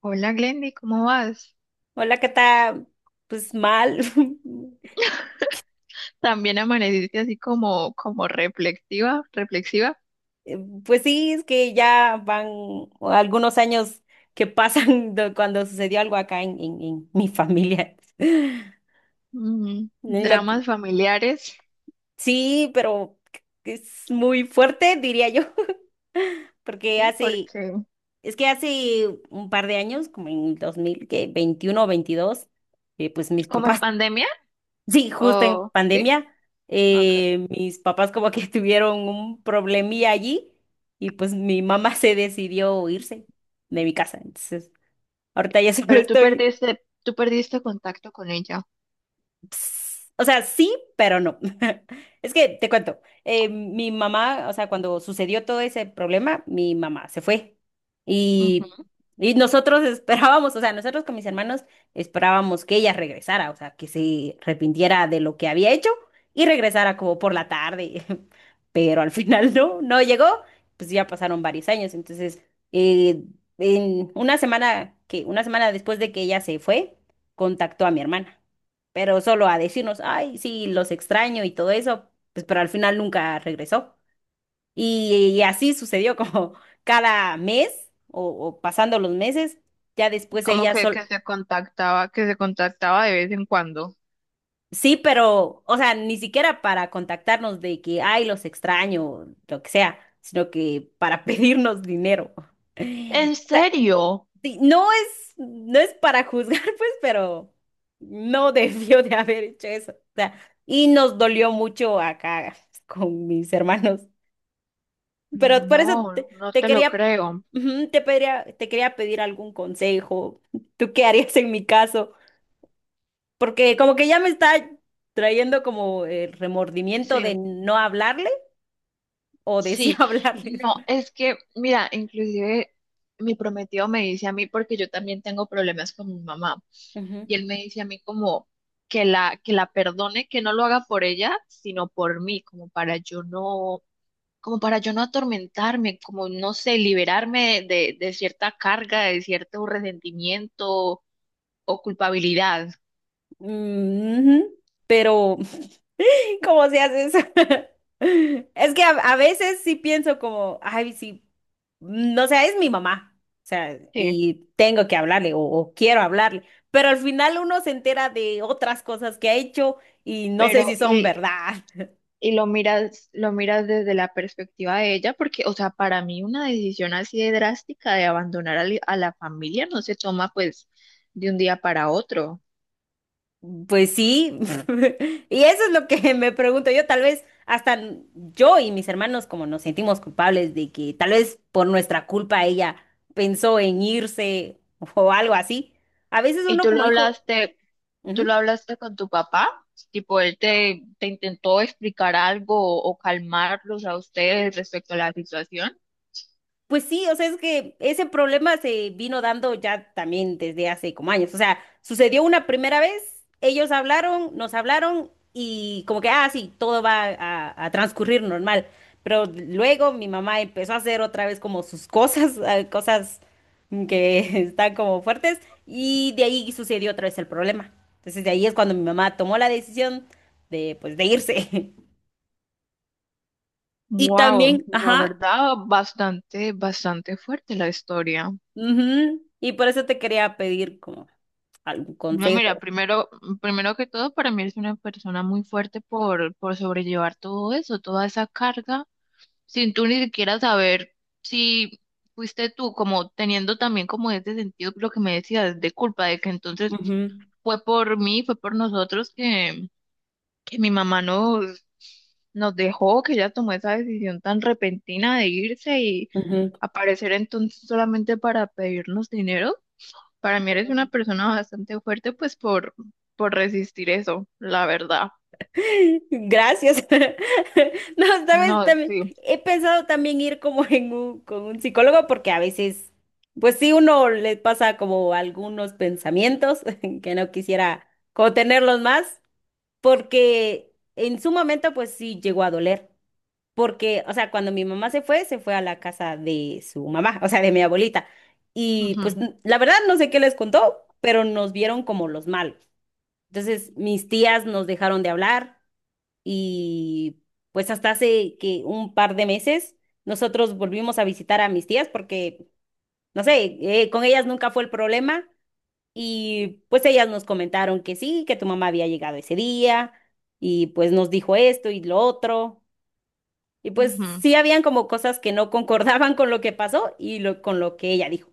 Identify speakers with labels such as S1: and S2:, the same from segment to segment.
S1: Hola Glendy, ¿cómo vas?
S2: Hola, Cata. Pues mal.
S1: También amaneciste así como reflexiva, reflexiva.
S2: Eh, Pues sí, es que ya van algunos años que pasan de cuando sucedió algo acá en mi familia. Lo que-
S1: Dramas familiares,
S2: sí, pero es muy fuerte, diría yo, porque
S1: ¿sí?
S2: hace,
S1: Porque
S2: es que hace un par de años, como en el 2021 o veintidós. Pues mis
S1: como en
S2: papás...
S1: pandemia,
S2: Sí, justo en
S1: o sí,
S2: pandemia.
S1: okay.
S2: Mis papás como que tuvieron un problemilla allí y pues mi mamá se decidió irse de mi casa. Entonces, ahorita ya solo
S1: Pero
S2: estoy...
S1: tú perdiste contacto con ella.
S2: Ps, o sea, sí, pero no. Es que te cuento. Mi mamá, o sea, cuando sucedió todo ese problema, mi mamá se fue. Y,
S1: Ujú.
S2: y nosotros esperábamos, o sea, nosotros con mis hermanos esperábamos que ella regresara, o sea, que se arrepintiera de lo que había hecho y regresara como por la tarde. Pero al final no, no llegó, pues ya pasaron varios años. Entonces, eh, en una semana que, una semana después de que ella se fue, contactó a mi hermana, pero solo a decirnos, ay, sí, los extraño y todo eso, pues pero al final nunca regresó. Y así sucedió como cada mes o pasando los meses, ya después
S1: Como
S2: ella sol...
S1: que se contactaba de vez en cuando.
S2: Sí, pero, o sea, ni siquiera para contactarnos de que, ay, los extraño, o lo que sea, sino que para pedirnos dinero.
S1: ¿En
S2: O sea,
S1: serio?
S2: sí. No es, no es para juzgar, pues, pero no debió de haber hecho eso. O sea, y nos dolió mucho acá con mis hermanos. Pero por eso te,
S1: No, no
S2: te
S1: te lo
S2: quería,
S1: creo.
S2: ujú, te pediría, te quería pedir algún consejo. ¿Tú qué harías en mi caso? Porque como que ya me está trayendo como el remordimiento
S1: Sí.
S2: de no hablarle o de sí
S1: Sí,
S2: hablarles.
S1: no, es que, mira, inclusive mi prometido me dice a mí, porque yo también tengo problemas con mi mamá,
S2: Ujú.
S1: y él me dice a mí como que la perdone, que no lo haga por ella, sino por mí, como para yo no atormentarme, como no sé, liberarme de cierta carga, de cierto resentimiento o culpabilidad.
S2: Mm, ujú. Pero ¿cómo se hace eso? Es que a veces sí pienso como, ay, sí, no sé, es mi mamá, o sea,
S1: Sí,
S2: y tengo que hablarle o quiero hablarle, pero al final uno se entera de otras cosas que ha hecho y no sé
S1: pero
S2: si son
S1: y
S2: verdad.
S1: y lo miras desde la perspectiva de ella, porque, o sea, para mí una decisión así de drástica de abandonar a la familia no se toma pues de un día para otro.
S2: Pues sí, y eso es lo que me pregunto yo, tal vez hasta yo y mis hermanos como nos sentimos culpables de que tal vez por nuestra culpa ella pensó en irse o algo así. A veces
S1: Y
S2: uno como hijo...
S1: tú
S2: Ujú.
S1: lo hablaste con tu papá, tipo, él te intentó explicar algo o calmarlos a ustedes respecto a la situación.
S2: Pues sí, o sea, es que ese problema se vino dando ya también desde hace como años. O sea, sucedió una primera vez, ellos hablaron, nos hablaron y como que, ah, sí, todo va a transcurrir normal. Pero luego mi mamá empezó a hacer otra vez como sus cosas, cosas que están como fuertes y de ahí sucedió otra vez el problema. Entonces de ahí es cuando mi mamá tomó la decisión de, pues, de irse. Y
S1: Wow,
S2: también,
S1: la
S2: ajá,
S1: verdad, bastante, bastante fuerte la historia.
S2: ujú, y por eso te quería pedir como... algún
S1: No, mira,
S2: consejo.
S1: primero que todo, para mí eres una persona muy fuerte por sobrellevar todo eso, toda esa carga, sin tú ni siquiera saber si fuiste tú, como teniendo también como ese sentido, lo que me decías, de culpa, de que entonces
S2: Ujú,
S1: fue por mí, fue por nosotros que mi mamá nos dejó, que ella tomó esa decisión tan repentina de irse y
S2: ujú.
S1: aparecer entonces solamente para pedirnos dinero. Para mí eres una persona bastante fuerte, pues por resistir eso, la verdad.
S2: Gracias. No,
S1: No,
S2: sabes, también
S1: sí.
S2: he pensado también ir como en un, con un psicólogo porque a veces, pues sí, uno le pasa como algunos pensamientos que no quisiera como tenerlos más porque en su momento pues sí llegó a doler. Porque, o sea, cuando mi mamá se fue a la casa de su mamá, o sea, de mi abuelita. Y pues
S1: Ujú,
S2: la verdad no sé qué les contó, pero nos vieron como los malos. Entonces, mis tías nos dejaron de hablar y pues hasta hace que un par de meses nosotros volvimos a visitar a mis tías porque, no sé, con ellas nunca fue el problema y pues ellas nos comentaron que sí, que tu mamá había llegado ese día y pues nos dijo esto y lo otro y pues
S1: ujú.
S2: sí habían como cosas que no concordaban con lo que pasó y lo, con lo que ella dijo.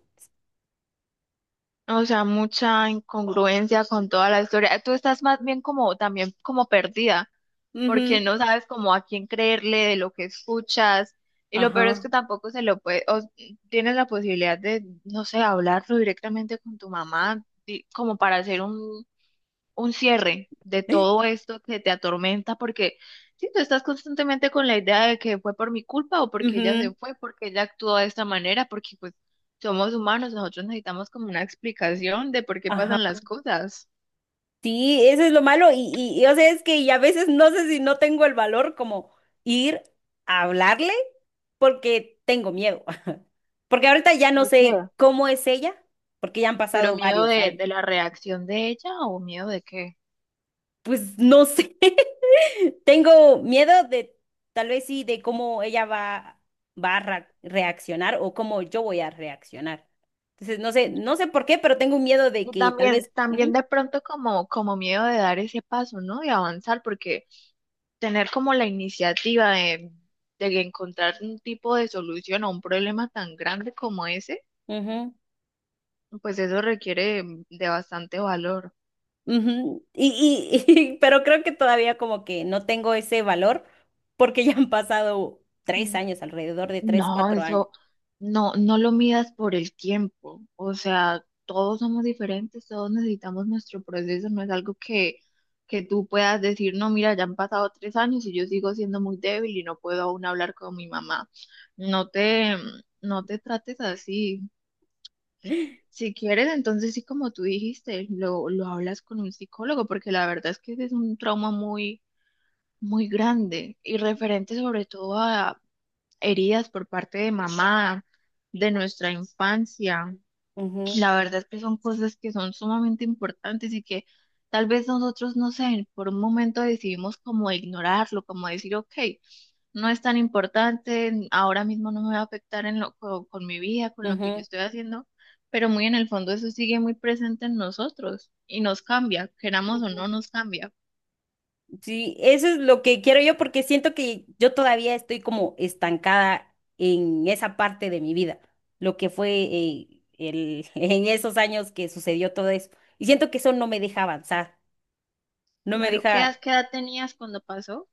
S1: O sea, mucha incongruencia con toda la historia. Tú estás más bien como también como perdida, porque
S2: Ujú,
S1: no sabes como a quién creerle de lo que escuchas. Y lo peor es
S2: ajá.
S1: que tampoco se lo puede, o tienes la posibilidad de, no sé, hablarlo directamente con tu mamá, como para hacer un cierre de todo esto que te atormenta, porque si tú estás constantemente con la idea de que fue por mi culpa o porque ella
S2: Ujú,
S1: se fue, porque ella actuó de esta manera, porque pues somos humanos, nosotros necesitamos como una explicación de por qué
S2: ajá.
S1: pasan las cosas.
S2: Sí, eso es lo malo y, o sea, es que y a veces no sé si no tengo el valor como ir a hablarle porque tengo miedo. Porque ahorita ya no
S1: ¿Por
S2: sé
S1: qué?
S2: cómo es ella, porque ya han
S1: Pero
S2: pasado
S1: miedo
S2: varios años.
S1: de la reacción de ella o miedo de qué.
S2: Pues no sé. Tengo miedo de tal vez sí de cómo ella va va a reaccionar o cómo yo voy a reaccionar. Entonces, no sé, no sé por qué, pero tengo un miedo de
S1: Y
S2: que tal vez...
S1: también
S2: Ujú,
S1: de pronto como miedo de dar ese paso, ¿no? Y avanzar, porque tener como la iniciativa de encontrar un tipo de solución a un problema tan grande como ese,
S2: ujú.
S1: pues eso requiere de bastante valor.
S2: Ujú, y, pero creo que todavía como que no tengo ese valor porque ya han pasado 3
S1: Mm.
S2: años, alrededor de 3,
S1: No,
S2: 4 años.
S1: eso no, no lo midas por el tiempo. O sea, todos somos diferentes, todos necesitamos nuestro proceso. No es algo que tú puedas decir, no, mira, ya han pasado 3 años y yo sigo siendo muy débil y no puedo aún hablar con mi mamá. No te, no te trates así. Si quieres, entonces sí, como tú dijiste, lo hablas con un psicólogo, porque la verdad es que ese es un trauma muy, muy grande y referente sobre todo a heridas por parte de mamá, de nuestra infancia.
S2: Ujú,
S1: La verdad que son cosas que son sumamente importantes y que tal vez nosotros, no sé, por un momento decidimos como ignorarlo, como decir, ok, no es tan importante, ahora mismo no me va a afectar con mi vida, con lo que yo
S2: ujú.
S1: estoy haciendo, pero muy en el fondo eso sigue muy presente en nosotros y nos cambia, queramos o
S2: Ujú.
S1: no, nos cambia.
S2: Sí, eso es lo que quiero yo porque siento que yo todavía estoy como estancada en esa parte de mi vida, lo que fue el, en esos años que sucedió todo eso. Y siento que eso no me deja avanzar, no me
S1: Claro,
S2: deja...
S1: qué edad tenías cuando pasó?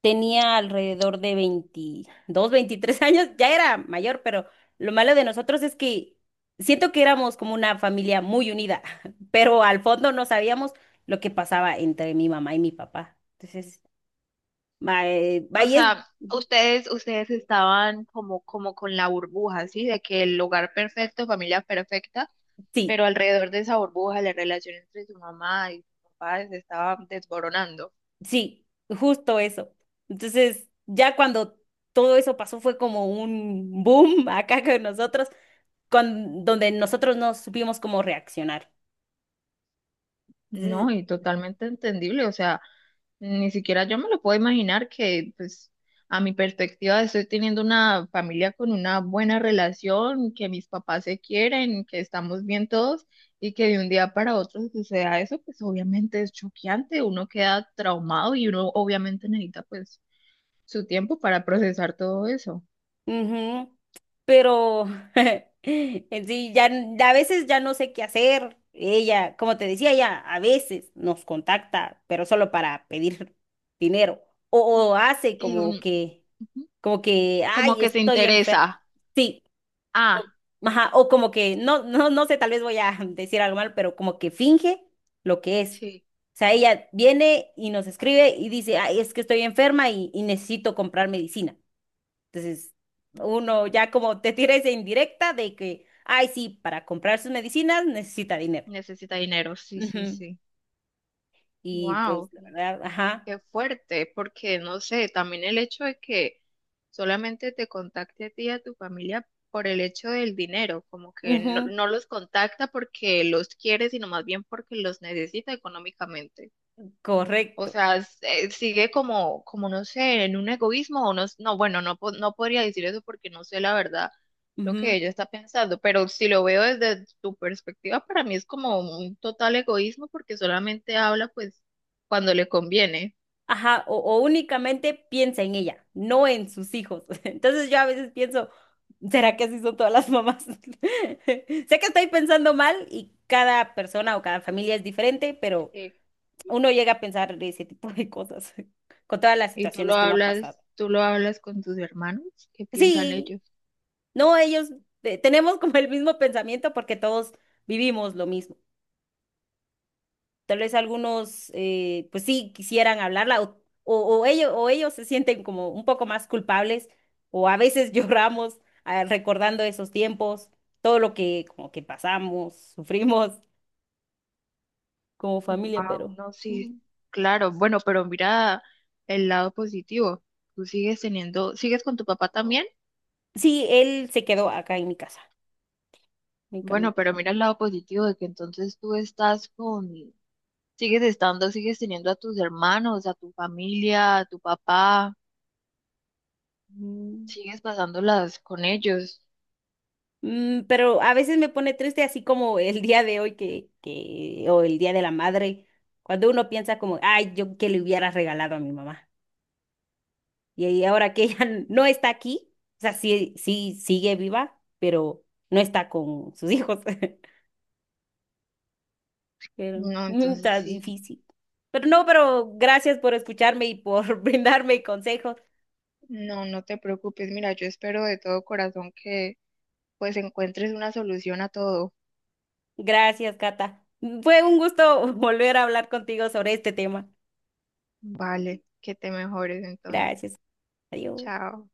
S2: Tenía alrededor de 22, 23 años, ya era mayor, pero lo malo de nosotros es que siento que éramos como una familia muy unida, pero al fondo no sabíamos lo que pasaba entre mi mamá y mi papá. Entonces,
S1: O
S2: ahí es...
S1: sea, ustedes estaban como con la burbuja, ¿sí? De que el hogar perfecto, familia perfecta.
S2: Sí,
S1: Pero alrededor de esa burbuja, la relación entre su mamá y su papá se estaba desboronando.
S2: sí, justo eso. Entonces, ya cuando todo eso pasó fue como un boom acá con nosotros, donde nosotros no supimos cómo reaccionar. Entonces,
S1: No, y totalmente entendible, o sea, ni siquiera yo me lo puedo imaginar que, pues, a mi perspectiva estoy teniendo una familia con una buena relación, que mis papás se quieren, que estamos bien todos y que de un día para otro suceda eso, pues obviamente es choqueante, uno queda traumado y uno obviamente necesita, pues, su tiempo para procesar todo eso.
S2: ujú. Pero en sí, ya, a veces ya no sé qué hacer. Ella, como te decía, ella a veces nos contacta, pero solo para pedir dinero. O, o hace
S1: Y
S2: como que,
S1: como
S2: ay,
S1: que se
S2: estoy enferma.
S1: interesa.
S2: Sí.
S1: Ah,
S2: O, ajá, o como que, no, no, no sé, tal vez voy a decir algo mal, pero como que finge lo que es.
S1: sí.
S2: O sea, ella viene y nos escribe y dice, ay, es que estoy enferma y necesito comprar medicina. Entonces,
S1: Ujú.
S2: uno ya como te tira esa indirecta de que, ay, sí, para comprar sus medicinas necesita dinero.
S1: Necesita dinero, sí, sí,
S2: Ujú.
S1: sí.
S2: Y pues,
S1: Wow,
S2: la verdad, ajá,
S1: qué fuerte, porque no sé, también el hecho de que solamente te contacte a ti y a tu familia por el hecho del dinero, como que no,
S2: ujú,
S1: no los contacta porque los quiere, sino más bien porque los necesita económicamente. O
S2: correcto.
S1: sea, sigue como no sé, en un egoísmo o no, no, bueno, no, no podría decir eso porque no sé la verdad lo
S2: Ujú,
S1: que ella está pensando, pero si lo veo desde tu perspectiva, para mí es como un total egoísmo porque solamente habla pues cuando le conviene.
S2: ajá, o únicamente piensa en ella, no en sus hijos. Entonces yo a veces pienso, ¿será que así son todas las mamás? Sé que estoy pensando mal y cada persona o cada familia es diferente, pero
S1: Sí.
S2: uno llega a pensar ese tipo de cosas con todas las
S1: Y
S2: situaciones que uno ha pasado.
S1: tú lo hablas con tus hermanos, ¿qué piensan
S2: Sí,
S1: ellos?
S2: no, ellos... Tenemos como el mismo pensamiento porque todos vivimos lo mismo. Tal vez algunos, pues sí, quisieran hablarla o ellos se sienten como un poco más culpables o a veces lloramos ah, recordando esos tiempos, todo lo que como que pasamos, sufrimos como familia,
S1: Ah,
S2: pero
S1: no, sí,
S2: mm,
S1: claro, bueno, pero mira el lado positivo, tú sigues teniendo, ¿sigues con tu papá también?
S2: sí, él se quedó acá en mi casa,
S1: Bueno,
S2: únicamente.
S1: pero mira el lado positivo de que entonces tú sigues estando, sigues teniendo a tus hermanos, a tu familia, a tu papá,
S2: Mm.
S1: sigues pasándolas con ellos.
S2: Mm, pero a veces me pone triste así como el día de hoy o el día de la madre, cuando uno piensa como, ay, yo que le hubiera regalado a mi mamá. Y ahí ahora que ella no está aquí, o sea, sí, sí sigue viva, pero no está con sus hijos. Pero
S1: No,
S2: mm,
S1: entonces
S2: está
S1: sí,
S2: difícil. Pero no, pero gracias por escucharme y por brindarme consejos.
S1: no, no te preocupes. Mira, yo espero de todo corazón que pues encuentres una solución a todo.
S2: Gracias, Cata. Fue un gusto volver a hablar contigo sobre este tema.
S1: Vale, que te mejores entonces.
S2: Gracias. Adiós.
S1: Chao.